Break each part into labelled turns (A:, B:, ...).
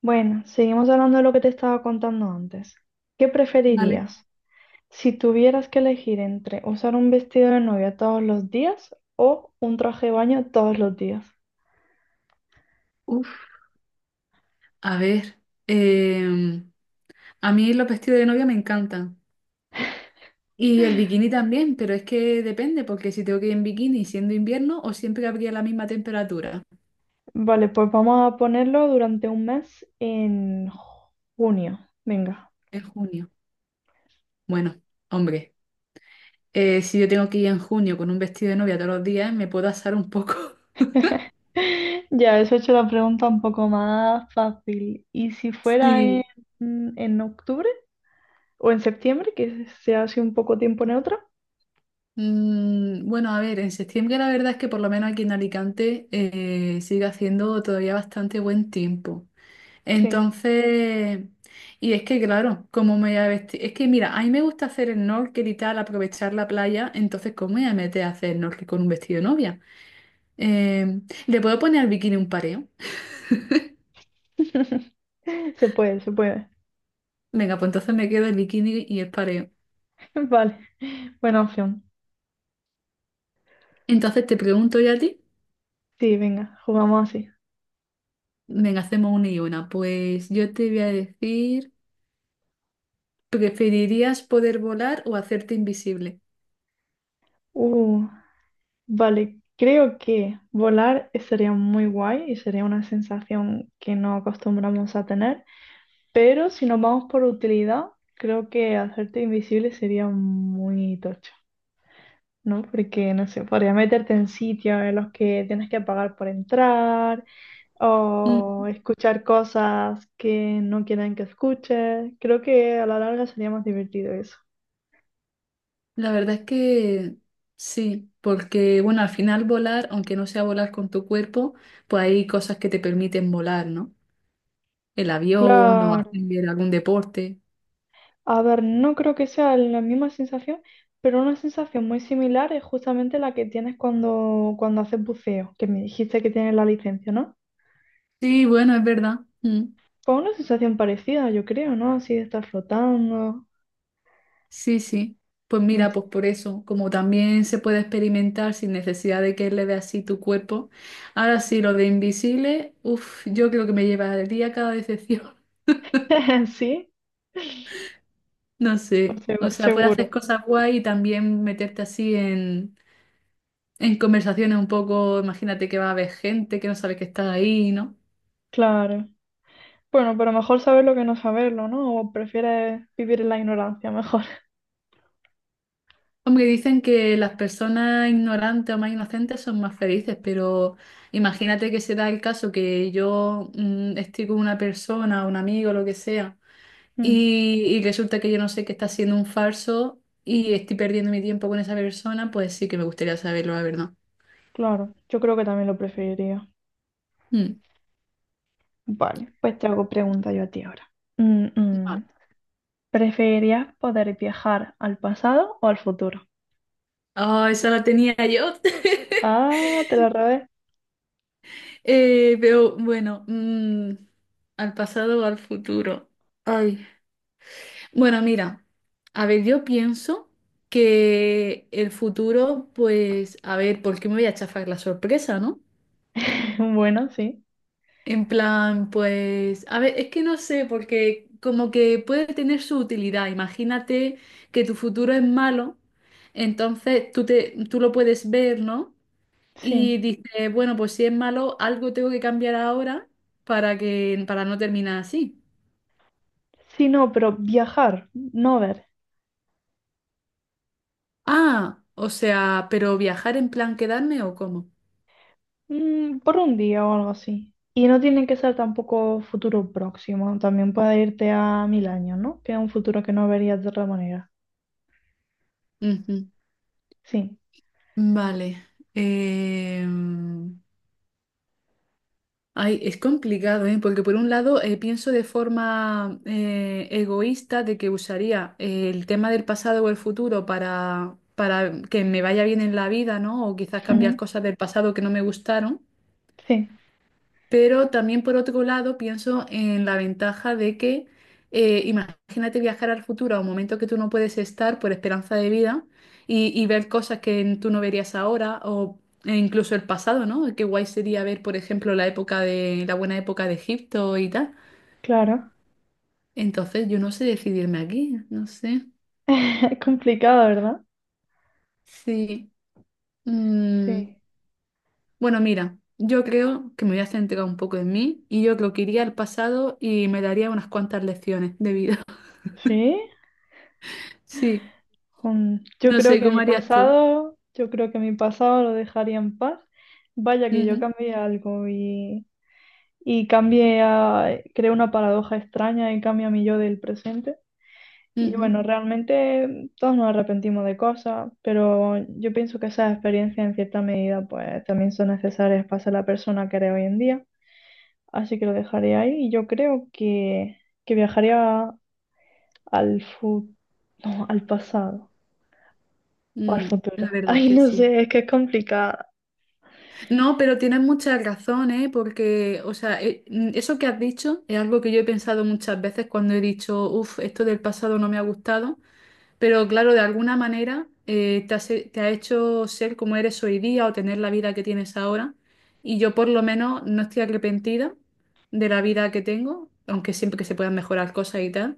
A: Bueno, seguimos hablando de lo que te estaba contando antes. ¿Qué
B: Vale.
A: preferirías? Si tuvieras que elegir entre usar un vestido de novia todos los días o un traje de baño todos los días.
B: Uf, a ver. em, a mí los vestidos de novia me encantan. Y el bikini también, pero es que depende, porque si tengo que ir en bikini siendo invierno o siempre habría la misma temperatura
A: Vale, pues vamos a ponerlo durante un mes en junio. Venga.
B: en junio. Bueno, hombre, si yo tengo que ir en junio con un vestido de novia todos los días, me puedo asar un poco.
A: Ya, eso he hecho la pregunta un poco más fácil. ¿Y si fuera
B: Sí.
A: en octubre o en septiembre, que sea así un poco tiempo neutro?
B: Mm, bueno, a ver, en septiembre la verdad es que por lo menos aquí en Alicante sigue haciendo todavía bastante buen tiempo.
A: Sí,
B: Entonces, y es que claro, ¿cómo me voy a vestir? Es que mira, a mí me gusta hacer snorkel y tal, aprovechar la playa, entonces ¿cómo me voy a meter a hacer snorkel con un vestido de novia? Eh, ¿Le puedo poner al bikini un pareo?
A: se puede, se puede.
B: Venga, pues entonces me quedo el bikini y el pareo.
A: Vale. Buena opción.
B: Entonces te pregunto yo a ti,
A: Sí, venga, jugamos así.
B: venga, hacemos una y una. Pues yo te voy a decir, ¿preferirías poder volar o hacerte invisible?
A: Uh, vale, creo que volar sería muy guay y sería una sensación que no acostumbramos a tener, pero si nos vamos por utilidad, creo que hacerte invisible sería muy tocho, ¿no? Porque, no sé, podría meterte en sitios en los que tienes que pagar por entrar
B: Mm.
A: o escuchar cosas que no quieren que escuches. Creo que a la larga sería más divertido eso.
B: La verdad es que sí, porque bueno, al final volar, aunque no sea volar con tu cuerpo, pues hay cosas que te permiten volar, ¿no? El avión o
A: Claro.
B: hacer algún deporte.
A: A ver, no creo que sea la misma sensación, pero una sensación muy similar es justamente la que tienes cuando haces buceo, que me dijiste que tienes la licencia, ¿no?
B: Sí, bueno, es verdad. Mm.
A: Pues una sensación parecida, yo creo, ¿no? Así de estar flotando.
B: Sí, sí. Pues
A: No
B: mira,
A: sé.
B: pues por eso, como también se puede experimentar sin necesidad de que le veas así tu cuerpo. Ahora sí, lo de invisible, uff, yo creo que me llevaría cada decepción.
A: Sí,
B: No
A: pues
B: sé. O sea, puedes hacer
A: seguro,
B: cosas guay y también meterte así en conversaciones un poco, imagínate que va a haber gente que no sabe que está ahí, ¿no?
A: claro. Bueno, pero mejor saberlo que no saberlo, ¿no? O prefieres vivir en la ignorancia, mejor.
B: Hombre, dicen que las personas ignorantes o más inocentes son más felices, pero imagínate que se da el caso que yo estoy con una persona, un amigo, lo que sea,
A: Mm,
B: y resulta que yo no sé que está siendo un falso y estoy perdiendo mi tiempo con esa persona, pues sí que me gustaría saberlo, la verdad.
A: claro, yo creo que también lo preferiría.
B: Mm.
A: Vale, pues te hago pregunta yo a ti ahora. Mm, mm. ¿Preferirías poder viajar al pasado o al futuro?
B: Ah, esa la tenía yo.
A: Ah, te la robé.
B: Veo, bueno, al pasado o al futuro. Ay. Bueno, mira, a ver, yo pienso que el futuro, pues, a ver, ¿por qué me voy a chafar la sorpresa, no?
A: Bueno, sí.
B: En plan, pues, a ver, es que no sé, porque como que puede tener su utilidad. Imagínate que tu futuro es malo, entonces tú lo puedes ver, ¿no? Y
A: Sí.
B: dice, bueno, pues si es malo, algo tengo que cambiar ahora para no terminar así.
A: Sí, no, pero viajar, no ver.
B: Ah, o sea, ¿pero viajar en plan quedarme o cómo?
A: Por un día o algo así. Y no tiene que ser tampoco futuro próximo. También puede irte a mil años, ¿no? Que es un futuro que no verías de otra manera.
B: Ujú.
A: Sí.
B: Vale. Em, ay, es complicado, ¿eh? Porque por un lado pienso de forma egoísta de que usaría el tema del pasado o el futuro para que me vaya bien en la vida, ¿no? O quizás cambiar
A: Ujú.
B: cosas del pasado que no me gustaron.
A: Sí,
B: Pero también por otro lado pienso en la ventaja de que imagínate viajar al futuro a un momento que tú no puedes estar por esperanza de vida y ver cosas que tú no verías ahora o incluso el pasado, ¿no? Qué guay sería ver, por ejemplo, la época de la buena época de Egipto y tal.
A: claro.
B: Entonces yo no sé decidirme aquí, no sé.
A: Es complicado, ¿verdad?
B: Sí.
A: Sí.
B: Mm, bueno, mira, yo creo que me voy a centrar un poco en mí y yo creo que iría al pasado y me daría unas cuantas lecciones de vida.
A: ¿Sí?
B: Sí.
A: Mm. Yo
B: No
A: creo
B: sé
A: que
B: cómo
A: mi
B: harías tú.
A: pasado, yo creo que mi pasado lo dejaría en paz. Vaya que yo
B: Ujú,
A: cambié algo y cambié a, creé una paradoja extraña y cambié a mi yo del presente. Y
B: ujú,
A: bueno, realmente todos nos arrepentimos de cosas, pero yo pienso que esas experiencias en cierta medida pues también son necesarias para ser la persona que eres hoy en día. Así que lo dejaré ahí y yo creo que viajaría al no, al pasado. O al
B: mm, la
A: futuro.
B: verdad es
A: Ay,
B: que
A: no
B: sí.
A: sé, es que es complicada.
B: No, pero tienes muchas razones, ¿eh? Porque, o sea, eso que has dicho es algo que yo he pensado muchas veces cuando he dicho, uff, esto del pasado no me ha gustado, pero claro, de alguna manera te ha hecho ser como eres hoy día o tener la vida que tienes ahora. Y yo por lo menos no estoy arrepentida de la vida que tengo, aunque siempre que se puedan mejorar cosas y tal.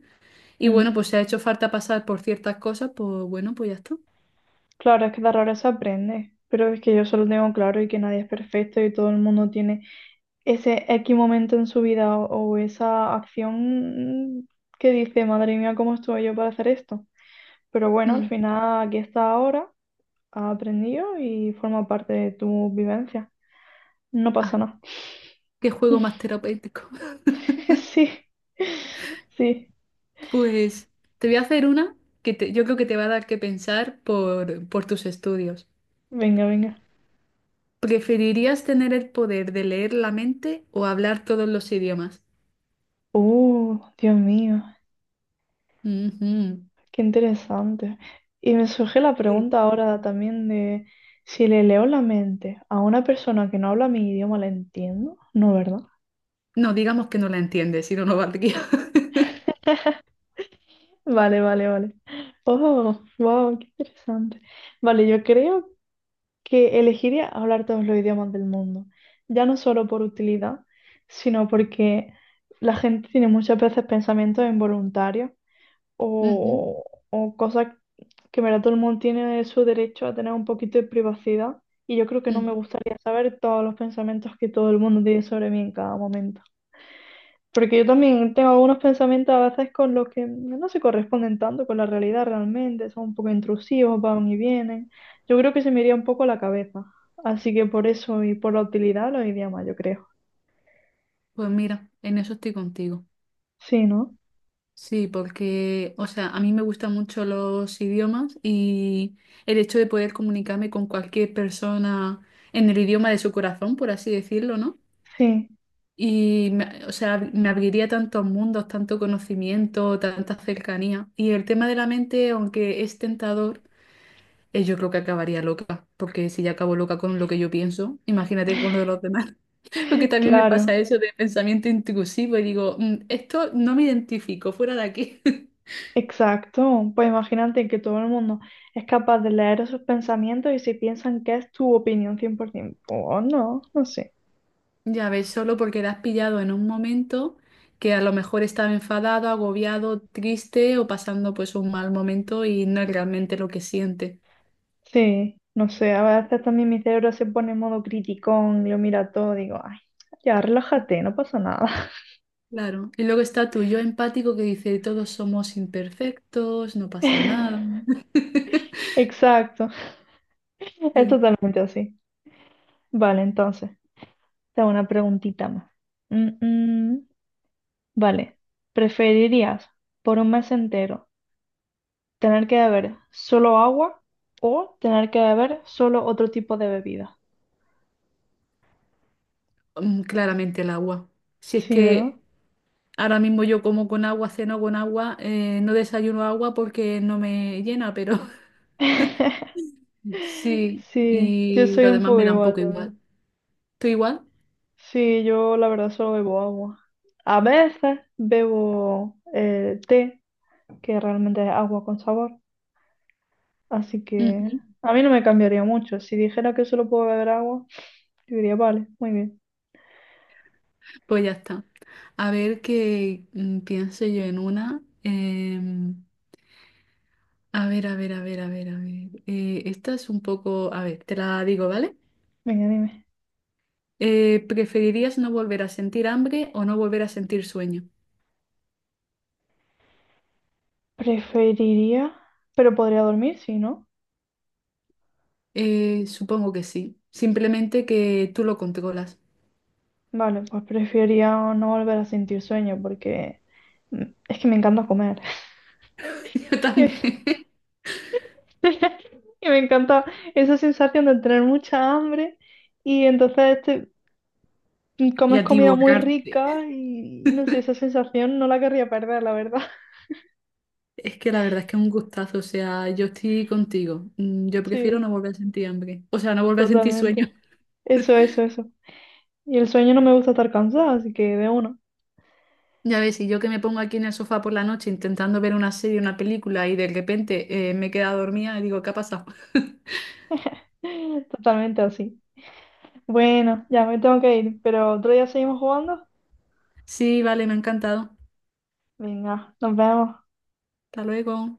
B: Y bueno,
A: Mm.
B: pues si ha hecho falta pasar por ciertas cosas, pues bueno, pues ya está.
A: Claro, es que de errores se aprende, pero es que yo solo tengo claro y que nadie es perfecto y todo el mundo tiene ese X momento en su vida o esa acción que dice, madre mía, ¿cómo estuve yo para hacer esto? Pero bueno, al
B: Mm.
A: final aquí está ahora, ha aprendido y forma parte de tu vivencia. No pasa
B: Ay,
A: nada.
B: qué juego más terapéutico.
A: Sí, sí.
B: Pues te voy a hacer una yo creo que te va a dar que pensar por tus estudios.
A: Venga, venga.
B: ¿Preferirías tener el poder de leer la mente o hablar todos los idiomas?
A: Dios mío.
B: Ujú.
A: Qué interesante. Y me surge la
B: Sí.
A: pregunta ahora también de si le leo la mente a una persona que no habla mi idioma, ¿la entiendo? No, ¿verdad?
B: No, digamos que no la entiendes, si no, no valdría.
A: Vale, vale, vale. Oh, wow, qué interesante. Vale, yo creo que elegiría hablar todos los idiomas del mundo, ya no solo por utilidad, sino porque la gente tiene muchas veces pensamientos involuntarios
B: Ujú,
A: o cosas que en verdad todo el mundo tiene su derecho a tener un poquito de privacidad y yo creo que no
B: ujú.
A: me gustaría saber todos los pensamientos que todo el mundo tiene sobre mí en cada momento. Porque yo también tengo algunos pensamientos a veces con los que no se corresponden tanto con la realidad realmente, son un poco intrusivos, van y vienen. Yo creo que se me iría un poco la cabeza. Así que por eso y por la utilidad lo iría más, yo creo.
B: Pues mira, en eso estoy contigo.
A: Sí, ¿no?
B: Sí, porque, o sea, a mí me gustan mucho los idiomas y el hecho de poder comunicarme con cualquier persona en el idioma de su corazón, por así decirlo, ¿no?
A: Sí,
B: Y, o sea, me abriría tantos mundos, tanto conocimiento, tanta cercanía. Y el tema de la mente, aunque es tentador, yo creo que acabaría loca, porque si ya acabo loca con lo que yo pienso, imagínate con lo de los demás. Porque también me
A: claro.
B: pasa eso de pensamiento intrusivo y digo, "Mm, esto no me identifico, fuera de aquí".
A: Exacto, pues imagínate que todo el mundo es capaz de leer esos pensamientos y si piensan que es tu opinión 100%, o no, no sé.
B: Ya ves, solo porque la has pillado en un momento que a lo mejor estaba enfadado, agobiado, triste o pasando pues un mal momento y no es realmente lo que siente.
A: Sí, no sé, a veces también mi cerebro se pone en modo criticón, lo mira todo, digo, ay, ya relájate, no pasa nada.
B: Claro. Y luego está tu yo empático que dice, todos somos imperfectos, no pasa nada.
A: Exacto, es
B: Sí.
A: totalmente así. Vale, entonces, te hago una preguntita más. Mm, mm, Vale, ¿preferirías por un mes entero? Tener que beber solo agua o tener que beber solo otro tipo de bebida.
B: Mm, claramente el agua. Si es
A: Sí, ¿verdad?
B: que ahora mismo yo como con agua, ceno con agua, no desayuno agua porque no me llena, pero sí,
A: Sí, yo
B: y
A: soy
B: lo
A: un
B: demás
A: poco
B: me da un
A: igual
B: poco igual.
A: también.
B: ¿Tú igual?
A: Sí, yo la verdad solo bebo agua. A veces bebo té, que realmente es agua con sabor. Así que
B: Ujú.
A: a mí no me cambiaría mucho. Si dijera que solo puedo beber agua, yo diría, vale, muy bien.
B: Pues ya está. A ver qué pienso yo en una. A ver, a ver, a ver, a ver, a ver. Esta es un poco. A ver, te la digo, ¿vale?
A: Venga, dime.
B: ¿Preferirías no volver a sentir hambre o no volver a sentir sueño?
A: Preferiría, pero podría dormir, sí, ¿no?
B: Supongo que sí. Simplemente que tú lo controlas.
A: Vale, pues prefería no volver a sentir sueño porque mm, es que me encanta comer.
B: Yo
A: Y,
B: también.
A: y me encanta esa sensación de tener mucha hambre y
B: Y
A: comes
B: a ti
A: comida muy
B: borrarte.
A: rica y no sé, esa sensación no la querría perder, la verdad.
B: Es que la verdad es que es un gustazo. O sea, yo estoy contigo. Mm, yo prefiero
A: Sí,
B: no volver a sentir hambre. O sea, no volver a sentir sueño.
A: totalmente. Eso, eso, eso. Y el sueño no me gusta estar cansada, así que de uno.
B: Ya ves, y yo que me pongo aquí en el sofá por la noche intentando ver una serie, una película y de repente me he quedado dormida y digo, ¿qué ha pasado?
A: Totalmente así. Bueno, ya me tengo que ir, pero otro día seguimos jugando.
B: Sí, vale, me ha encantado.
A: Venga, nos vemos.
B: Hasta luego.